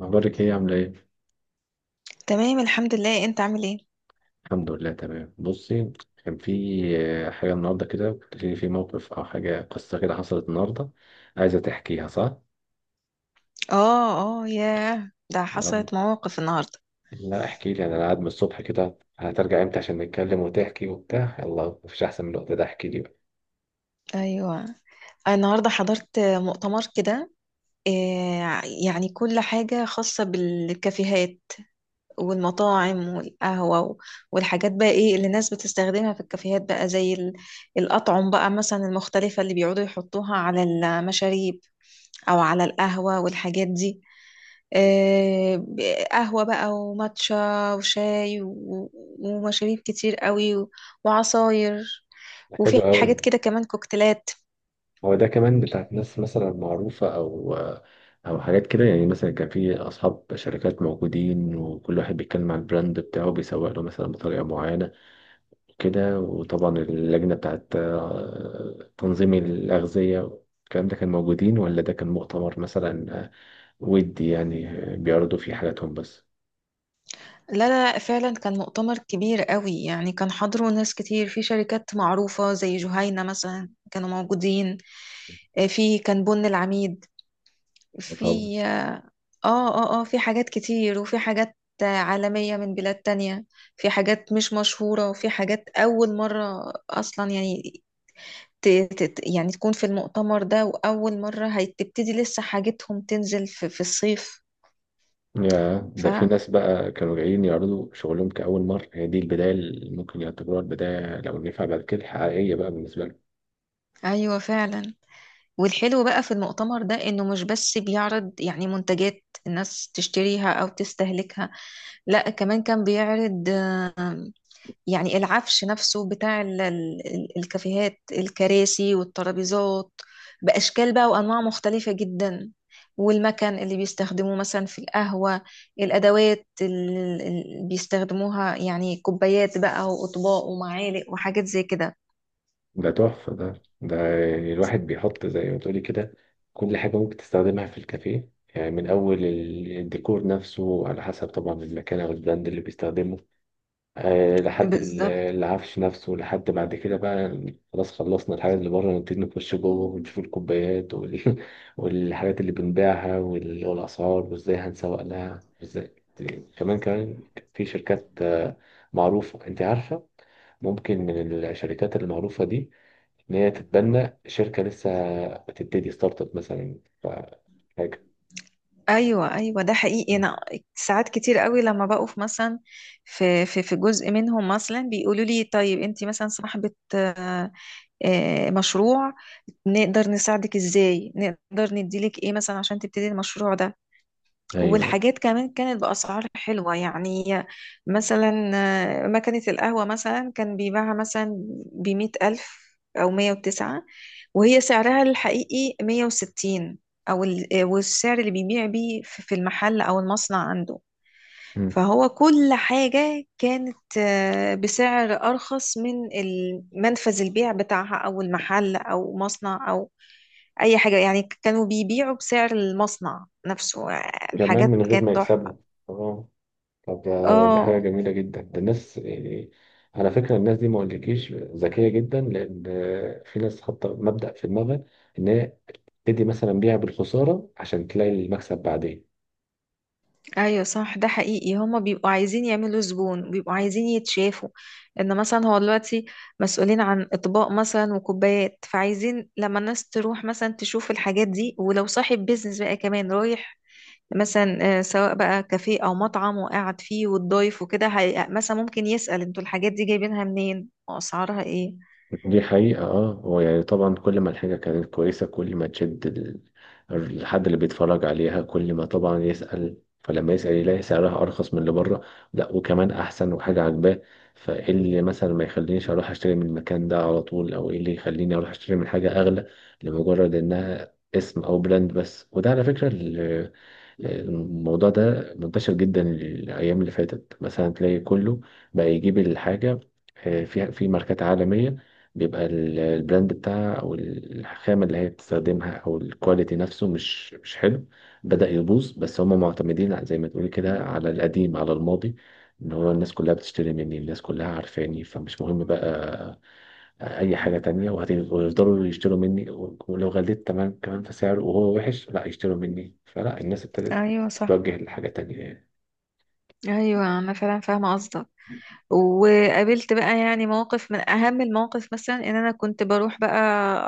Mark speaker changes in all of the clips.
Speaker 1: أخبارك إيه عاملة إيه؟
Speaker 2: تمام، الحمد لله. انت عامل ايه؟
Speaker 1: الحمد لله تمام، بصي. كان في حاجة النهاردة كده، كنت في موقف أو حاجة، قصة كده حصلت النهاردة. عايزة تحكيها صح؟
Speaker 2: اه ياه، ده
Speaker 1: يلا.
Speaker 2: حصلت مواقف النهارده.
Speaker 1: لا احكي لي، أنا قاعد من الصبح كده، هترجع إمتى عشان نتكلم وتحكي وبتاع؟ يلا مفيش أحسن من الوقت ده، احكي لي بقى.
Speaker 2: ايوه. النهارده حضرت مؤتمر كده. يعني كل حاجه خاصه بالكافيهات والمطاعم والقهوة والحاجات بقى ايه اللي الناس بتستخدمها في الكافيهات بقى زي الأطعم بقى مثلا المختلفة اللي بيقعدوا يحطوها على المشاريب أو على القهوة والحاجات دي. آه، ب- قهوة بقى وماتشا وشاي ومشاريب كتير قوي وعصاير،
Speaker 1: حلو
Speaker 2: وفي حاجات
Speaker 1: أوي.
Speaker 2: كده كمان كوكتيلات.
Speaker 1: هو ده كمان بتاعت ناس مثلا معروفة أو حاجات كده؟ يعني مثلا كان في أصحاب شركات موجودين، وكل واحد بيتكلم عن البراند بتاعه، بيسوق له مثلا بطريقة معينة كده. وطبعا اللجنة بتاعت تنظيم الأغذية، الكلام ده كان موجودين؟ ولا ده كان مؤتمر مثلا آه،، ودي يعني بيعرضوا فيه حاجاتهم بس؟
Speaker 2: لا، فعلا كان مؤتمر كبير قوي، يعني كان حضره ناس كتير في شركات معروفة زي جهينة مثلا كانوا موجودين. في كان بن العميد،
Speaker 1: طبعا.
Speaker 2: في في حاجات كتير، وفي حاجات عالمية من بلاد تانية. في حاجات مش مشهورة، وفي حاجات أول مرة أصلا، يعني يعني تكون في المؤتمر ده، وأول مرة هتبتدي لسه حاجتهم تنزل في الصيف.
Speaker 1: يا ده، في
Speaker 2: فأيوة،
Speaker 1: ناس بقى كانوا جايين يعرضوا شغلهم كأول مرة، هي دي البداية اللي ممكن يعتبروها البداية لو نفع بعد كده الحقيقية بقى بالنسبة لهم.
Speaker 2: فعلا. والحلو بقى في المؤتمر ده انه مش بس بيعرض يعني منتجات الناس تشتريها او تستهلكها، لا كمان كان بيعرض يعني العفش نفسه بتاع الكافيهات، الكراسي والترابيزات بأشكال بقى وأنواع مختلفة جدا. والمكان اللي بيستخدموه مثلا في القهوة، الأدوات اللي بيستخدموها، يعني كوبايات بقى وأطباق ومعالق وحاجات زي كده.
Speaker 1: ده تحفة، ده يعني الواحد بيحط زي ما تقولي كده كل حاجة ممكن تستخدمها في الكافيه. يعني من أول الديكور نفسه، على حسب طبعا المكان أو البراند اللي بيستخدمه، لحد
Speaker 2: بالظبط.
Speaker 1: العفش نفسه لحد بعد كده بقى. خلاص، خلصنا الحاجات اللي بره، نبتدي نخش جوه ونشوف الكوبايات والحاجات اللي بنبيعها والأسعار، وازاي هنسوق لها وازاي. كمان كمان في شركات معروفة، انت عارفة. ممكن من الشركات المعروفة دي إن هي تتبنى شركة لسه بتبتدي ستارت اب مثلا، حاجة.
Speaker 2: ايوه، ده حقيقي.
Speaker 1: مم.
Speaker 2: انا ساعات كتير قوي لما بقف مثلا في جزء منهم مثلا بيقولوا لي طيب انت مثلا صاحبة مشروع، نقدر نساعدك ازاي، نقدر نديلك ايه مثلا عشان تبتدي المشروع ده.
Speaker 1: ايوه.
Speaker 2: والحاجات كمان كانت بأسعار حلوة يعني، مثلا مكنة القهوة مثلا كان بيباعها مثلا بـ100 ألف أو 109، وهي سعرها الحقيقي 160، أو والسعر اللي بيبيع بيه في المحل أو المصنع عنده.
Speaker 1: مم.
Speaker 2: فهو كل حاجة كانت بسعر أرخص من منفذ البيع بتاعها أو المحل أو مصنع أو أي حاجة، يعني كانوا بيبيعوا بسعر المصنع نفسه.
Speaker 1: كمان
Speaker 2: الحاجات
Speaker 1: من غير
Speaker 2: كانت
Speaker 1: ما
Speaker 2: تحفة.
Speaker 1: يكسبوا. آه. طب دي حاجة
Speaker 2: اه.
Speaker 1: جميلة جدا، ده الناس يعني على فكرة، الناس دي ما اقولكيش ذكية جدا، لأن في ناس حاطة مبدأ في دماغها إن هي تدي مثلا بيع بالخسارة عشان تلاقي المكسب بعدين.
Speaker 2: ايوه، صح، ده حقيقي. هما بيبقوا عايزين يعملوا زبون، بيبقوا عايزين يتشافوا ان مثلا هو دلوقتي مسؤولين عن اطباق مثلا وكوبايات، فعايزين لما الناس تروح مثلا تشوف الحاجات دي، ولو صاحب بيزنس بقى كمان رايح مثلا سواء بقى كافيه او مطعم وقاعد فيه والضيف وكده، مثلا ممكن يسأل انتوا الحاجات دي جايبينها منين واسعارها ايه.
Speaker 1: دي حقيقة، اه. هو يعني طبعا كل ما الحاجة كانت كويسة كل ما تشد الحد اللي بيتفرج عليها، كل ما طبعا يسأل. فلما يسأل يلاقي سعرها أرخص من اللي بره، لا وكمان أحسن، وحاجة عاجباه. فإيه اللي مثلا ما يخلينيش أروح أشتري من المكان ده على طول؟ أو إيه اللي يخليني أروح أشتري من حاجة أغلى لمجرد إنها اسم أو براند بس؟ وده على فكرة الموضوع ده منتشر جدا. الأيام اللي فاتت مثلا تلاقي كله بقى يجيب الحاجة فيها، في ماركات عالمية بيبقى البراند بتاعها أو الخامة اللي هي بتستخدمها أو الكواليتي نفسه مش حلو، بدأ يبوظ، بس هم معتمدين زي ما تقولي كده على القديم، على الماضي. إن هو الناس كلها بتشتري مني، الناس كلها عارفاني، فمش مهم بقى اي حاجه تانية، ويفضلوا يشتروا مني، ولو غليت تمام كمان في سعره وهو وحش لا يشتروا مني، فلا الناس ابتدت
Speaker 2: ايوه، صح.
Speaker 1: تتوجه لحاجه تانية يعني.
Speaker 2: ايوه، انا فعلا فاهمه قصدك. وقابلت بقى يعني مواقف، من اهم المواقف مثلا ان انا كنت بروح بقى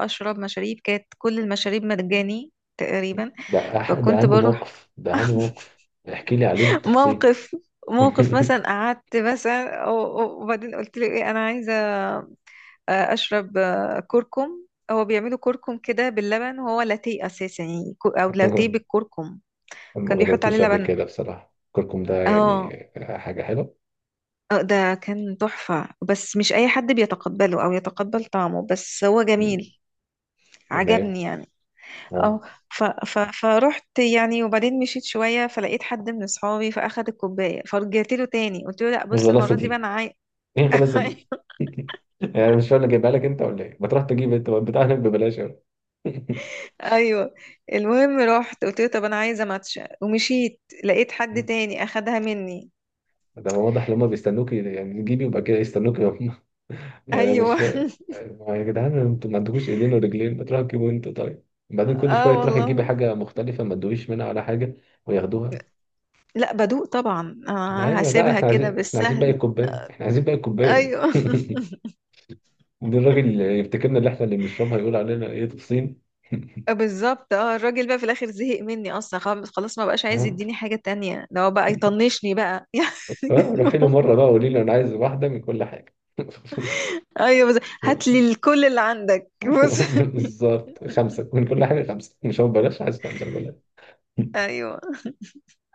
Speaker 2: اشرب مشاريب، كانت كل المشاريب مجاني تقريبا.
Speaker 1: ده ده
Speaker 2: فكنت
Speaker 1: اهم
Speaker 2: بروح.
Speaker 1: موقف، ده اهم موقف. احكي لي عليه بالتفصيل.
Speaker 2: موقف، موقف مثلا قعدت مثلا وبعدين قلت له ايه، انا عايزه اشرب كركم. هو بيعملوا كركم كده باللبن، وهو لاتيه اساسا يعني، او لاتيه بالكركم.
Speaker 1: ما
Speaker 2: كان بيحط عليه
Speaker 1: بدأتوش قبل
Speaker 2: لبن.
Speaker 1: كده بصراحه، كركم ده
Speaker 2: اه.
Speaker 1: يعني حاجه حلوه؟
Speaker 2: ده كان تحفة، بس مش اي حد بيتقبله او يتقبل طعمه، بس هو
Speaker 1: مم.
Speaker 2: جميل.
Speaker 1: تمام.
Speaker 2: عجبني يعني. اه.
Speaker 1: اه.
Speaker 2: فرحت يعني. وبعدين مشيت شوية فلقيت حد من اصحابي فاخد الكوباية، فرجعت له تاني قلت له لا، بص،
Speaker 1: الغلاسه
Speaker 2: المرة دي بقى
Speaker 1: دي،
Speaker 2: انا
Speaker 1: ايه الغلاسه دي؟ يعني مش فاهم، أنا جايبها لك انت ولا ايه؟ ما تروح تجيب انت بتاعنا ببلاش أهو.
Speaker 2: ايوه. المهم رحت قلت له طب انا عايزه ماتشا، ومشيت لقيت حد تاني اخدها مني.
Speaker 1: ده هو واضح ان هما بيستنوكي، يعني تجيبي يبقى كده يستنوكي هم. يعني انا مش
Speaker 2: ايوه.
Speaker 1: فاهم يعني، يا جدعان انتوا ما عندكوش ايدين ورجلين؟ ما تروحوا تجيبوا انتوا طيب. بعدين كل
Speaker 2: اه
Speaker 1: شويه تروحي
Speaker 2: والله.
Speaker 1: تجيبي حاجه مختلفه، ما تدويش منها ولا حاجه، وياخدوها.
Speaker 2: لا بدوق طبعا، آه،
Speaker 1: ايوه، لا
Speaker 2: هسيبها
Speaker 1: احنا
Speaker 2: كده
Speaker 1: عايزين، احنا عايزين باقي
Speaker 2: بالسهل.
Speaker 1: الكوبايه، احنا عايزين باقي الكوبايه.
Speaker 2: ايوه.
Speaker 1: دي الراجل اللي يفتكرنا اللي احنا اللي بنشربها، يقول علينا ايه؟ تفصين.
Speaker 2: بالظبط. اه، الراجل بقى في الاخر زهق مني اصلا، خلاص ما بقاش عايز
Speaker 1: ها؟
Speaker 2: يديني حاجه تانية، ده هو بقى يطنشني بقى يعني.
Speaker 1: روحي له مره بقى، قولي له انا عايز واحده من كل حاجه.
Speaker 2: ايوه. بس هات لي كل اللي عندك، بص.
Speaker 1: بالظبط، خمسه من كل حاجه، خمسه، مش هو ببلاش، عايز خمسه ببلاش.
Speaker 2: ايوه.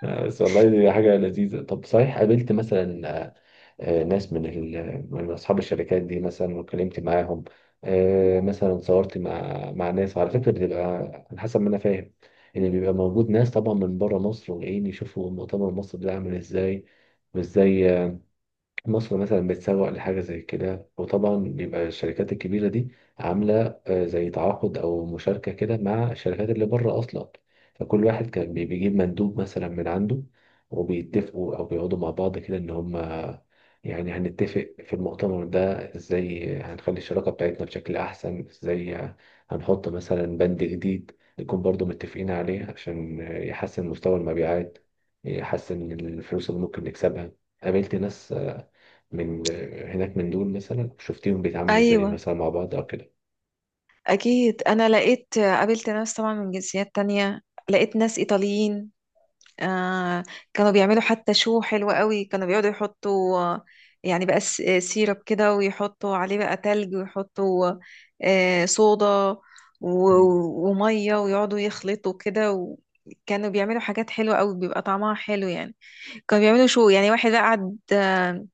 Speaker 1: بس والله دي حاجة لذيذة. طب صحيح، قابلت مثلا ناس من من أصحاب الشركات دي مثلا، واتكلمت معاهم؟ مثلا صورت مع ناس، على فكرة بتبقى على حسب ما أنا فاهم إن بيبقى موجود ناس طبعا من بره مصر، وجايين يشوفوا مؤتمر مصر ده عامل إزاي، وإزاي مصر مثلا بتسوق لحاجة زي كده. وطبعا بيبقى الشركات الكبيرة دي عاملة زي تعاقد أو مشاركة كده مع الشركات اللي بره أصلا، فكل واحد كان بيجيب مندوب مثلا من عنده، وبيتفقوا أو بيقعدوا مع بعض كده إن هما يعني هنتفق في المؤتمر ده إزاي، هنخلي الشراكة بتاعتنا بشكل أحسن إزاي، هنحط مثلا بند جديد نكون برضو متفقين عليه عشان يحسن مستوى المبيعات، يحسن الفلوس اللي ممكن نكسبها. قابلت ناس من هناك، من دول مثلا شفتيهم بيتعاملوا ازاي
Speaker 2: ايوه
Speaker 1: مثلا مع بعض او كده؟
Speaker 2: أكيد، أنا لقيت قابلت ناس طبعا من جنسيات تانية، لقيت ناس إيطاليين. آه، كانوا بيعملوا حتى شو حلو قوي. كانوا بيقعدوا يحطوا يعني بقى سيرب كده، ويحطوا عليه بقى تلج، ويحطوا آه صودا
Speaker 1: مم.
Speaker 2: ومية، ويقعدوا يخلطوا كده كانوا بيعملوا حاجات حلوة قوي، بيبقى طعمها حلو يعني. كانوا بيعملوا شو يعني، واحد بقى قعد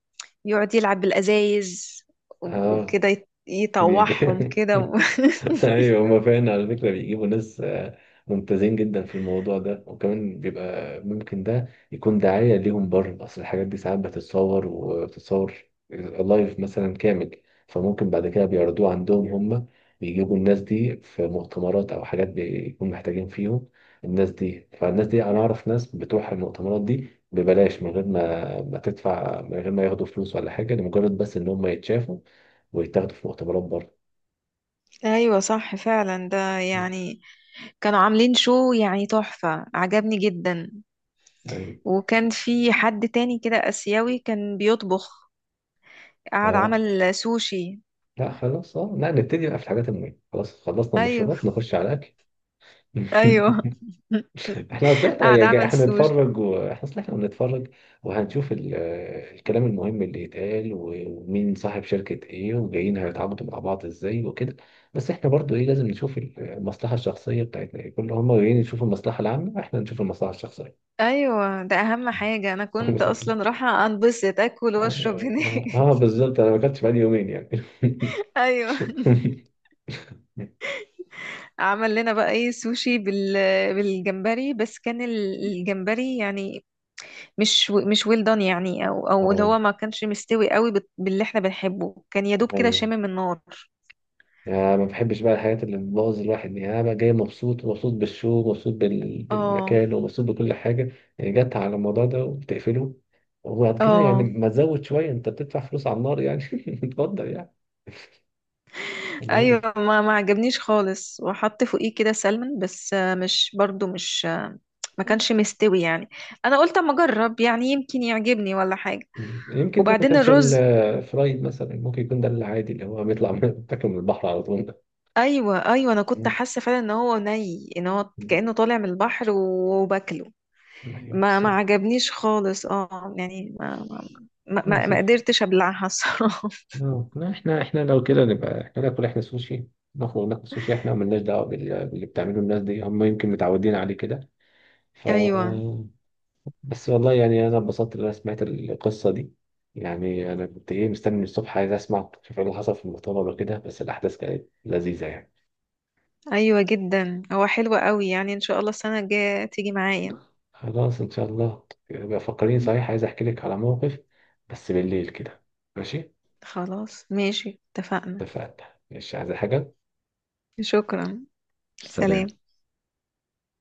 Speaker 2: يقعد يلعب بالأزايز،
Speaker 1: اه.
Speaker 2: وكده
Speaker 1: بي-
Speaker 2: يطوعهم
Speaker 1: بي-
Speaker 2: كده.
Speaker 1: ايوه، هما فعلا على فكره بيجيبوا ناس ممتازين جدا في الموضوع ده، وكمان بيبقى ممكن ده يكون دعايه ليهم بره، اصل الحاجات دي ساعات بتتصور، وبتتصور لايف مثلا كامل، فممكن بعد كده بيعرضوه عندهم هما. بيجيبوا الناس دي في مؤتمرات او حاجات بيكون محتاجين فيهم الناس دي، فالناس دي انا اعرف ناس بتروح المؤتمرات دي ببلاش، من غير ما تدفع، من غير ما ياخدوا فلوس ولا حاجه، لمجرد بس ان هم يتشافوا ويتاخدوا في مؤتمرات
Speaker 2: ايوه، صح، فعلا. ده يعني كانوا عاملين شو يعني تحفة، عجبني جدا.
Speaker 1: بره.
Speaker 2: وكان في حد تاني كده آسيوي كان بيطبخ، قعد
Speaker 1: اه،
Speaker 2: عمل سوشي.
Speaker 1: لا خلاص، اه، لا نبتدي بقى في الحاجات المهمة، خلاص خلصنا
Speaker 2: ايوه.
Speaker 1: المشروبات نخش على الأكل.
Speaker 2: ايوه
Speaker 1: احنا اصل احنا
Speaker 2: قعد عمل
Speaker 1: احنا
Speaker 2: سوشي.
Speaker 1: نتفرج، واحنا اصل احنا بنتفرج، وهنشوف الكلام المهم اللي يتقال، ومين صاحب شركة ايه، وجايين هيتعاقدوا مع بعض ازاي وكده. بس احنا برضو ايه، لازم نشوف المصلحة الشخصية بتاعتنا ايه، كل هم جايين يشوفوا المصلحة العامة، احنا نشوف المصلحة الشخصية.
Speaker 2: ايوه، ده اهم حاجة، انا كنت اصلا رايحة انبسط اكل واشرب
Speaker 1: اه.
Speaker 2: هناك.
Speaker 1: بالظبط، انا ما كنتش بقالي يومين يعني.
Speaker 2: ايوه. عمل لنا بقى ايه سوشي بالجمبري، بس كان الجمبري يعني مش ويل دان يعني، او اللي
Speaker 1: اه.
Speaker 2: هو ما كانش مستوي قوي باللي احنا بنحبه، كان يا دوب كده
Speaker 1: ايوه،
Speaker 2: شامم النار.
Speaker 1: يعني ما بحبش بقى الحاجات اللي بتبوظ الواحد يعني. انا بقى جاي مبسوط، مبسوط بالشو، مبسوط
Speaker 2: اه
Speaker 1: بالمكان، ومبسوط بكل حاجه، يعني جت على الموضوع ده وبتقفله. وبعد كده يعني
Speaker 2: اه.
Speaker 1: ما تزود شويه، انت بتدفع فلوس على النار يعني. اتفضل يعني، انا
Speaker 2: ايوه،
Speaker 1: عارف.
Speaker 2: ما عجبنيش خالص. وحط فوقيه كده سلمون، بس آه، مش برضو مش آه، ما
Speaker 1: مم.
Speaker 2: كانش مستوي يعني. انا قلت اما اجرب يعني، يمكن يعجبني ولا حاجه.
Speaker 1: يمكن ده ما
Speaker 2: وبعدين
Speaker 1: كانش
Speaker 2: الرز.
Speaker 1: الفرايد مثلا، ممكن يكون ده العادي اللي هو بيطلع من بياكل من البحر على طول ده.
Speaker 2: ايوه، انا كنت
Speaker 1: مم.
Speaker 2: حاسه فعلا ان هو ني، ان هو
Speaker 1: مم.
Speaker 2: كانه طالع من البحر وباكله.
Speaker 1: ايوه
Speaker 2: ما
Speaker 1: بالظبط.
Speaker 2: عجبنيش خالص، اه يعني ما
Speaker 1: بالظبط.
Speaker 2: قدرتش ابلعها، الصراحه.
Speaker 1: لا احنا لو كده نبقى احنا ناكل، احنا سوشي، نخرج ناكل سوشي احنا، وملناش دعوه باللي بتعمله الناس دي، هم يمكن متعودين عليه كده. ف
Speaker 2: ايوه.
Speaker 1: بس والله يعني انا اتبسطت ان انا سمعت القصه دي يعني. انا كنت ايه، مستني من الصبح عايز اسمع شوف ايه اللي حصل في المؤتمر وكده، بس الاحداث كانت لذيذه يعني.
Speaker 2: ايوه جدا، هو حلو قوي يعني، ان شاء الله السنه الجايه تيجي معايا.
Speaker 1: خلاص ان شاء الله، يبقى فكرين. صحيح عايز احكي لك على موقف، بس بالليل كده. ماشي.
Speaker 2: خلاص، ماشي، اتفقنا.
Speaker 1: اتفقنا. مش عايز حاجه.
Speaker 2: شكرا. سلام.
Speaker 1: سلام.